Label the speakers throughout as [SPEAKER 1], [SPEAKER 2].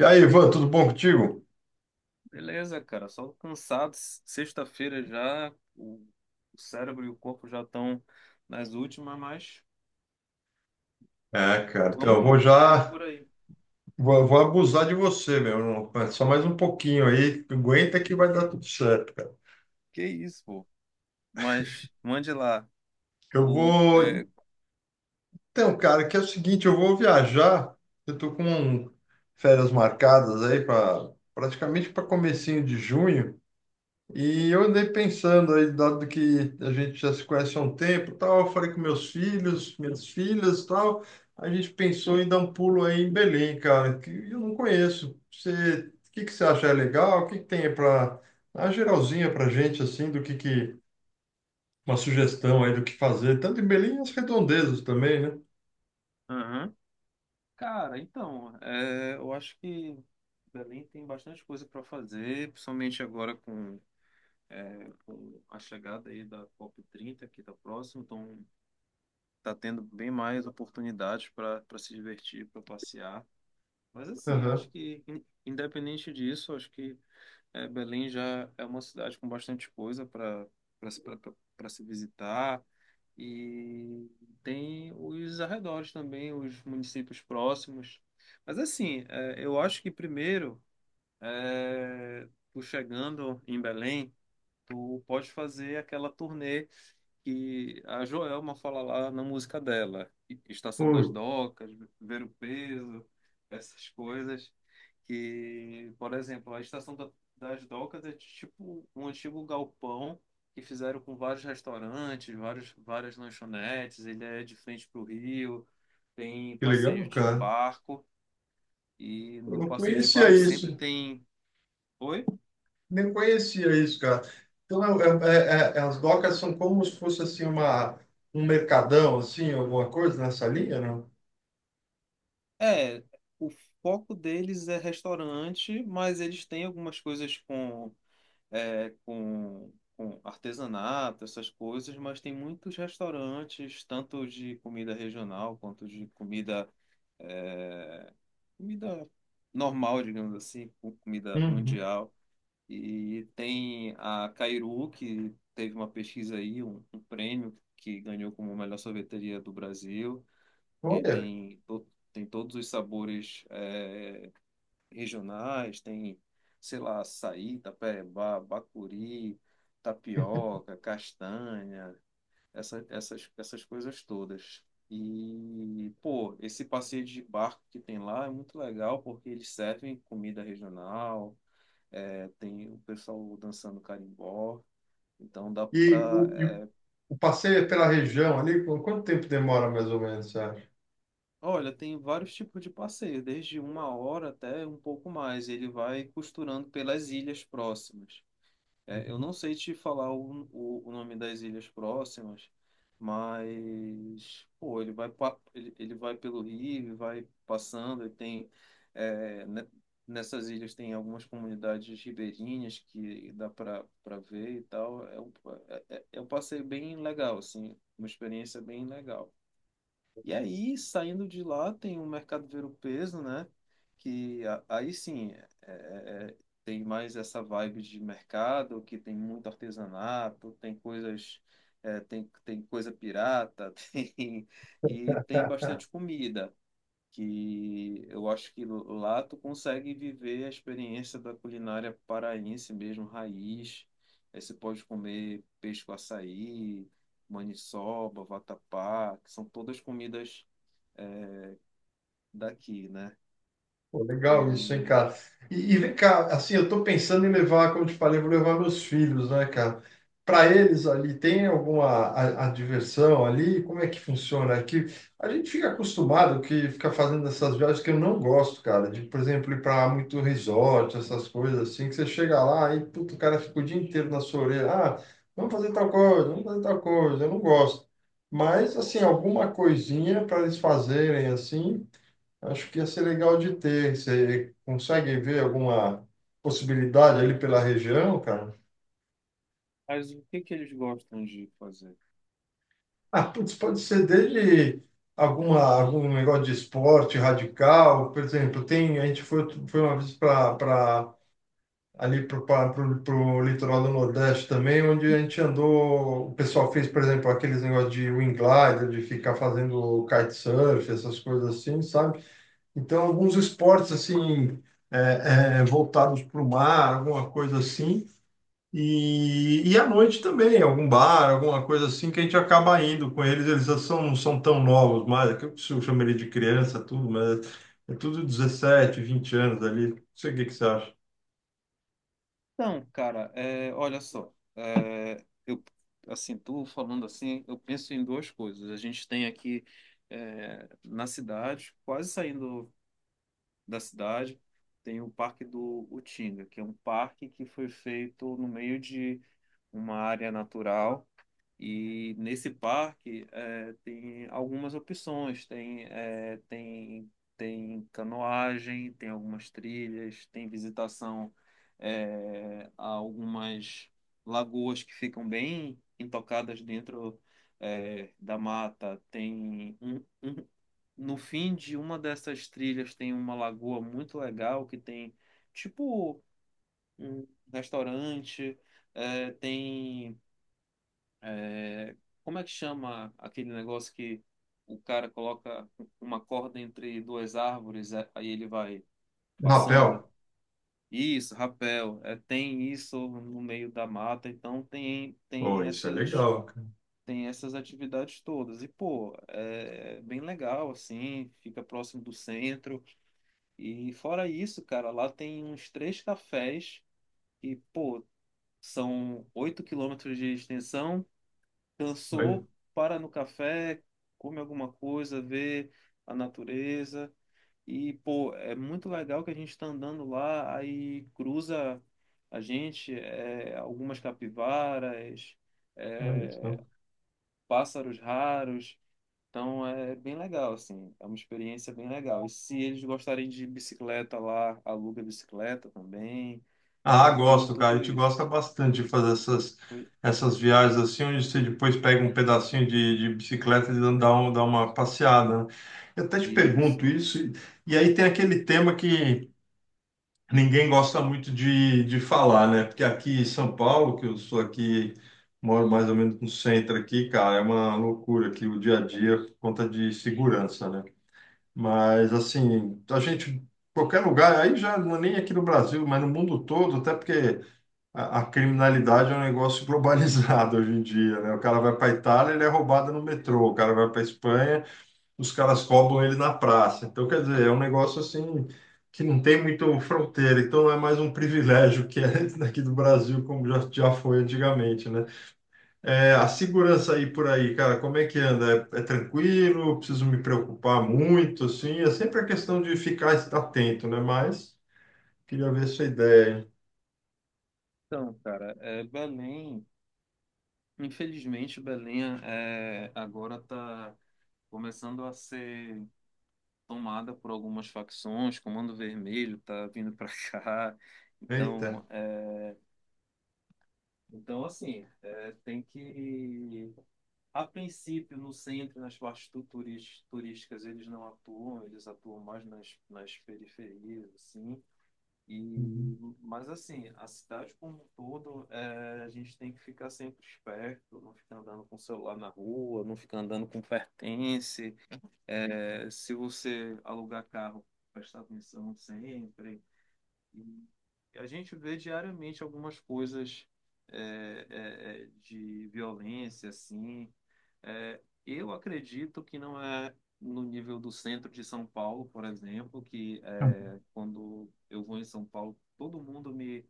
[SPEAKER 1] E aí, Ivan, tudo bom contigo?
[SPEAKER 2] Beleza, cara, só cansados. Sexta-feira já, o cérebro e o corpo já estão nas últimas, mas
[SPEAKER 1] É, cara, então eu
[SPEAKER 2] vamos
[SPEAKER 1] vou
[SPEAKER 2] indo, né? E
[SPEAKER 1] já,
[SPEAKER 2] por aí.
[SPEAKER 1] vou, vou abusar de você, meu. Só mais um pouquinho aí, aguenta que vai dar
[SPEAKER 2] Que,
[SPEAKER 1] tudo certo, cara.
[SPEAKER 2] que isso, pô? Mas mande lá.
[SPEAKER 1] Eu
[SPEAKER 2] O, é,
[SPEAKER 1] vou, então, cara, que é o seguinte, eu vou viajar, eu tô com férias marcadas aí para praticamente para comecinho de junho. E eu andei pensando aí, dado que a gente já se conhece há um tempo, e tal, eu falei com meus filhos, minhas filhas, e tal, a gente pensou em dar um pulo aí em Belém, cara, que eu não conheço. Você, o que que você acha legal? O que que tem para a geralzinha pra gente, assim, do que uma sugestão aí do que fazer, tanto em Belém e as redondezas também, né?
[SPEAKER 2] aham. Cara, então, eu acho que Belém tem bastante coisa para fazer, principalmente agora com a chegada aí da COP30, que está próximo, então tá tendo bem mais oportunidades para se divertir, para passear. Mas assim, eu acho
[SPEAKER 1] Aham.
[SPEAKER 2] que, independente disso, eu acho que Belém já é uma cidade com bastante coisa para se visitar. E tem os arredores também, os municípios próximos. Mas assim, eu acho que primeiro, tu chegando em Belém, tu pode fazer aquela turnê que a Joelma fala lá na música dela, Estação das
[SPEAKER 1] Pô,
[SPEAKER 2] Docas, Ver o Peso, essas coisas, que, por exemplo, a Estação das Docas é tipo um antigo galpão que fizeram com vários restaurantes, várias lanchonetes, ele é de frente para o rio, tem
[SPEAKER 1] que legal,
[SPEAKER 2] passeio de
[SPEAKER 1] cara.
[SPEAKER 2] barco, e
[SPEAKER 1] Eu
[SPEAKER 2] no
[SPEAKER 1] não
[SPEAKER 2] passeio de
[SPEAKER 1] conhecia
[SPEAKER 2] barco sempre
[SPEAKER 1] isso.
[SPEAKER 2] tem... Oi?
[SPEAKER 1] Nem conhecia isso, cara. Então, as docas são como se fosse assim uma um mercadão, assim, alguma coisa nessa linha, não?
[SPEAKER 2] É, o foco deles é restaurante, mas eles têm algumas coisas com artesanato, essas coisas, mas tem muitos restaurantes, tanto de comida regional quanto de é, comida normal, digamos assim, comida
[SPEAKER 1] Uhum.
[SPEAKER 2] mundial. E tem a Cairu, que teve uma pesquisa aí, um prêmio que ganhou como melhor sorveteria do Brasil, que
[SPEAKER 1] Olha.
[SPEAKER 2] tem todos os sabores. Regionais, tem, sei lá, açaí, tapeba, bacuri, tapioca, castanha, essas coisas todas. E, pô, esse passeio de barco que tem lá é muito legal porque eles servem comida regional, tem o pessoal dançando carimbó, então dá
[SPEAKER 1] E
[SPEAKER 2] pra.
[SPEAKER 1] o
[SPEAKER 2] é,
[SPEAKER 1] o passeio é pela região ali, quanto tempo demora, mais ou menos?
[SPEAKER 2] olha, tem vários tipos de passeio, desde uma hora até um pouco mais. Ele vai costurando pelas ilhas próximas. É, eu não sei te falar o nome das ilhas próximas, mas pô, ele vai pelo rio, ele vai passando, e tem é, ne- nessas ilhas tem algumas comunidades ribeirinhas que dá para ver e tal. É um passeio bem legal, assim, uma experiência bem legal. E aí, saindo de lá, tem o mercado ver-o-peso, né? Aí sim, tem mais essa vibe de mercado, que tem muito artesanato, tem coisas, tem coisa pirata, tem, e tem bastante comida, que eu acho que lá tu consegue viver a experiência da culinária paraense mesmo, raiz. Aí você pode comer peixe com açaí, maniçoba, vatapá, que são todas comidas é, daqui, né?
[SPEAKER 1] Pô, legal isso, hein,
[SPEAKER 2] E
[SPEAKER 1] cara? E vem cá, assim, eu tô pensando em levar, como eu te falei, eu vou levar meus filhos, né, cara? Para eles ali, tem alguma a diversão ali? Como é que funciona aqui? A gente fica acostumado que fica fazendo essas viagens que eu não gosto, cara. De, por exemplo, ir para muito resort, essas coisas assim, que você chega lá e, puto, o cara fica o dia inteiro na sua orelha. Ah, vamos fazer tal coisa, vamos fazer tal coisa. Eu não gosto. Mas, assim, alguma coisinha para eles fazerem, assim, acho que ia ser legal de ter. Você consegue ver alguma possibilidade ali pela região, cara?
[SPEAKER 2] Mas o que que eles gostam de fazer?
[SPEAKER 1] Ah, putz, pode ser desde algum negócio de esporte radical. Por exemplo, tem, a gente foi uma vez para ali para o litoral do Nordeste também, onde a gente andou. O pessoal fez, por exemplo, aqueles negócios de wing glider, de ficar fazendo kitesurf, essas coisas assim, sabe? Então, alguns esportes assim voltados para o mar, alguma coisa assim. E à noite também, algum bar, alguma coisa assim que a gente acaba indo com eles. Eles já são, não são tão novos mais, é que eu chamaria de criança, tudo, mas é tudo 17, 20 anos ali. Não sei o que que você acha.
[SPEAKER 2] Então, cara, olha só, eu assim, tu falando assim, eu penso em duas coisas. A gente tem aqui na cidade, quase saindo da cidade, tem o Parque do Utinga, que é um parque que foi feito no meio de uma área natural. E nesse parque tem algumas opções, tem canoagem, tem algumas trilhas, tem visitação a algumas lagoas que ficam bem intocadas dentro da mata. No fim de uma dessas trilhas tem uma lagoa muito legal que tem tipo um restaurante, tem é, como é que chama aquele negócio que o cara coloca uma corda entre duas árvores, aí ele vai passando?
[SPEAKER 1] Rapel?
[SPEAKER 2] Isso, rapel. É, tem isso no meio da mata, então tem,
[SPEAKER 1] Oh,
[SPEAKER 2] tem
[SPEAKER 1] isso é
[SPEAKER 2] essas,
[SPEAKER 1] legal, cara.
[SPEAKER 2] tem essas atividades todas. E, pô, é bem legal, assim, fica próximo do centro. E fora isso, cara, lá tem uns três cafés que, pô, são 8 km de extensão.
[SPEAKER 1] Olha,
[SPEAKER 2] Cansou, para no café, come alguma coisa, vê a natureza. E, pô, é muito legal que a gente tá andando lá, aí cruza a gente, algumas capivaras,
[SPEAKER 1] olha
[SPEAKER 2] é,
[SPEAKER 1] isso.
[SPEAKER 2] pássaros raros. Então é bem legal, assim, é uma experiência bem legal. E se eles gostarem de bicicleta lá, aluga bicicleta também.
[SPEAKER 1] Ah,
[SPEAKER 2] Ele tem
[SPEAKER 1] gosto, cara. A
[SPEAKER 2] tudo
[SPEAKER 1] gente
[SPEAKER 2] isso.
[SPEAKER 1] gosta bastante de fazer essas viagens assim, onde você depois pega um pedacinho de bicicleta e dá, um, dá uma passeada, né? Eu até te pergunto
[SPEAKER 2] Isso.
[SPEAKER 1] isso, e aí tem aquele tema que ninguém gosta muito de falar, né? Porque aqui em São Paulo, que eu sou aqui, moro mais ou menos no centro aqui, cara, é uma loucura aqui o dia a dia por conta de segurança, né? Mas assim, a gente, qualquer lugar, aí já não é nem aqui no Brasil, mas no mundo todo, até porque, a criminalidade é um negócio globalizado hoje em dia, né? O cara vai para Itália, ele é roubado no metrô. O cara vai para Espanha, os caras roubam ele na praça. Então, quer dizer, é um negócio assim que não tem muito fronteira. Então, não é mais um privilégio que é daqui do Brasil, como já, já foi antigamente, né? É, a segurança aí por aí, cara, como é que anda? É, é tranquilo? Preciso me preocupar muito, assim? É sempre a questão de ficar atento, né? Mas queria ver sua ideia, hein?
[SPEAKER 2] Então, cara, é Belém. Infelizmente, Belém agora está começando a ser tomada por algumas facções. Comando Vermelho está vindo para cá.
[SPEAKER 1] Eita.
[SPEAKER 2] Então, é, então assim, tem que... A princípio, no centro, nas partes turísticas, eles não atuam. Eles atuam mais nas periferias, assim. E,
[SPEAKER 1] Uhum.
[SPEAKER 2] mas assim, a cidade como um todo, a gente tem que ficar sempre esperto, não ficar andando com o celular na rua, não ficar andando com pertence. Se você alugar carro, prestar atenção sempre. E a gente vê diariamente algumas coisas de violência, assim, Eu acredito que não é no nível do centro de São Paulo, por exemplo, quando eu vou em São Paulo, todo mundo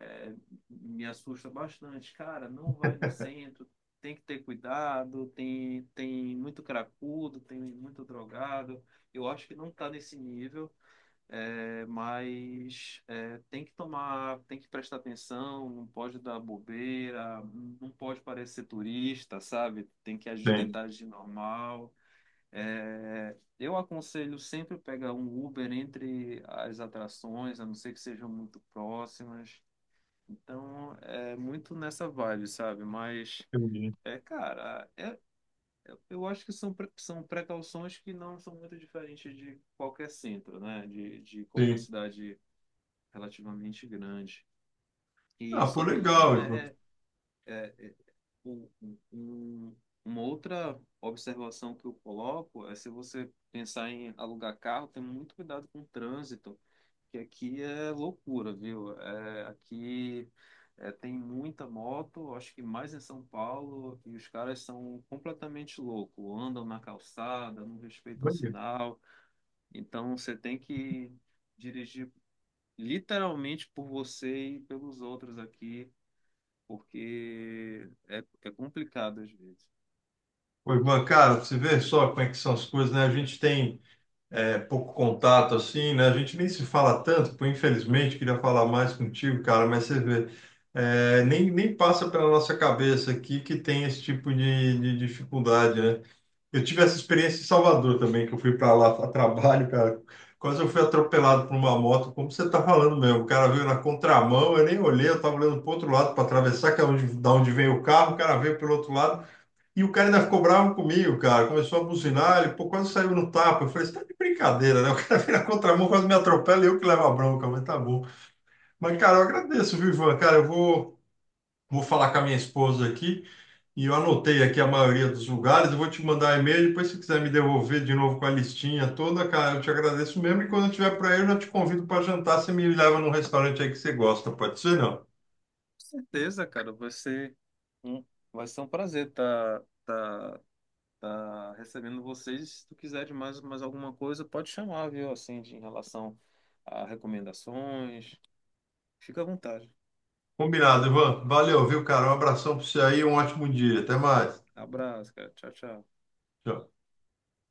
[SPEAKER 2] é, me assusta bastante. Cara, não vai no centro, tem que ter cuidado, tem muito cracudo, tem muito drogado. Eu acho que não está nesse nível. Mas tem que tomar, tem que prestar atenção, não pode dar bobeira, não pode parecer turista, sabe? Tem que agir,
[SPEAKER 1] Tem.
[SPEAKER 2] tentar agir normal. Eu aconselho sempre pegar um Uber entre as atrações, a não ser que sejam muito próximas. Então, é muito nessa vibe, sabe? Mas,
[SPEAKER 1] Entendi.
[SPEAKER 2] cara, eu acho que são precauções que não são muito diferentes de qualquer centro, né? De qualquer
[SPEAKER 1] Sim.
[SPEAKER 2] cidade relativamente grande. E
[SPEAKER 1] Ah, pô,
[SPEAKER 2] só tem
[SPEAKER 1] legal, Ivan.
[SPEAKER 2] é, é, é, um- um- um, uma outra observação que eu coloco é se você pensar em alugar carro, tem muito cuidado com o trânsito, que aqui é loucura, viu? Aqui tem muita moto, acho que mais em São Paulo, e os caras são completamente loucos, andam na calçada, não respeitam
[SPEAKER 1] Olha.
[SPEAKER 2] sinal, então você tem que dirigir literalmente por você e pelos outros aqui, porque é complicado às vezes.
[SPEAKER 1] Ô, Ivan, cara, você vê só como é que são as coisas, né? A gente tem é, pouco contato, assim, né? A gente nem se fala tanto, pô, infelizmente, queria falar mais contigo, cara, mas você vê, é, nem, nem passa pela nossa cabeça aqui que tem esse tipo de dificuldade, né? Eu tive essa experiência em Salvador também, que eu fui para lá a trabalho, cara. Quase eu fui atropelado por uma moto, como você está falando mesmo. O cara veio na contramão, eu nem olhei, eu estava olhando para o outro lado para atravessar, que é onde, da onde vem o carro, o cara veio pelo outro lado, e o cara ainda ficou bravo comigo, cara. Começou a buzinar, ele pô, quase saiu no tapa. Eu falei, você tá de brincadeira, né? O cara veio na contramão, quase me atropela e eu que levo a bronca, mas tá bom. Mas, cara, eu agradeço, viu, Ivan? Cara, eu vou falar com a minha esposa aqui. E eu anotei aqui a maioria dos lugares, eu vou te mandar e-mail, depois se quiser me devolver de novo com a listinha toda, cara, eu te agradeço mesmo. E quando eu tiver para aí, eu já te convido para jantar, você me leva num restaurante aí que você gosta, pode ser, não?
[SPEAKER 2] Com certeza, cara, um, vai ser um prazer tá recebendo vocês. Se tu quiser mais alguma coisa, pode chamar, viu? Assim, em relação a recomendações. Fica à vontade.
[SPEAKER 1] Combinado, Ivan. Valeu, viu, cara? Um abração para você aí, um ótimo dia. Até mais.
[SPEAKER 2] Abraço, cara. Tchau, tchau.
[SPEAKER 1] Tchau.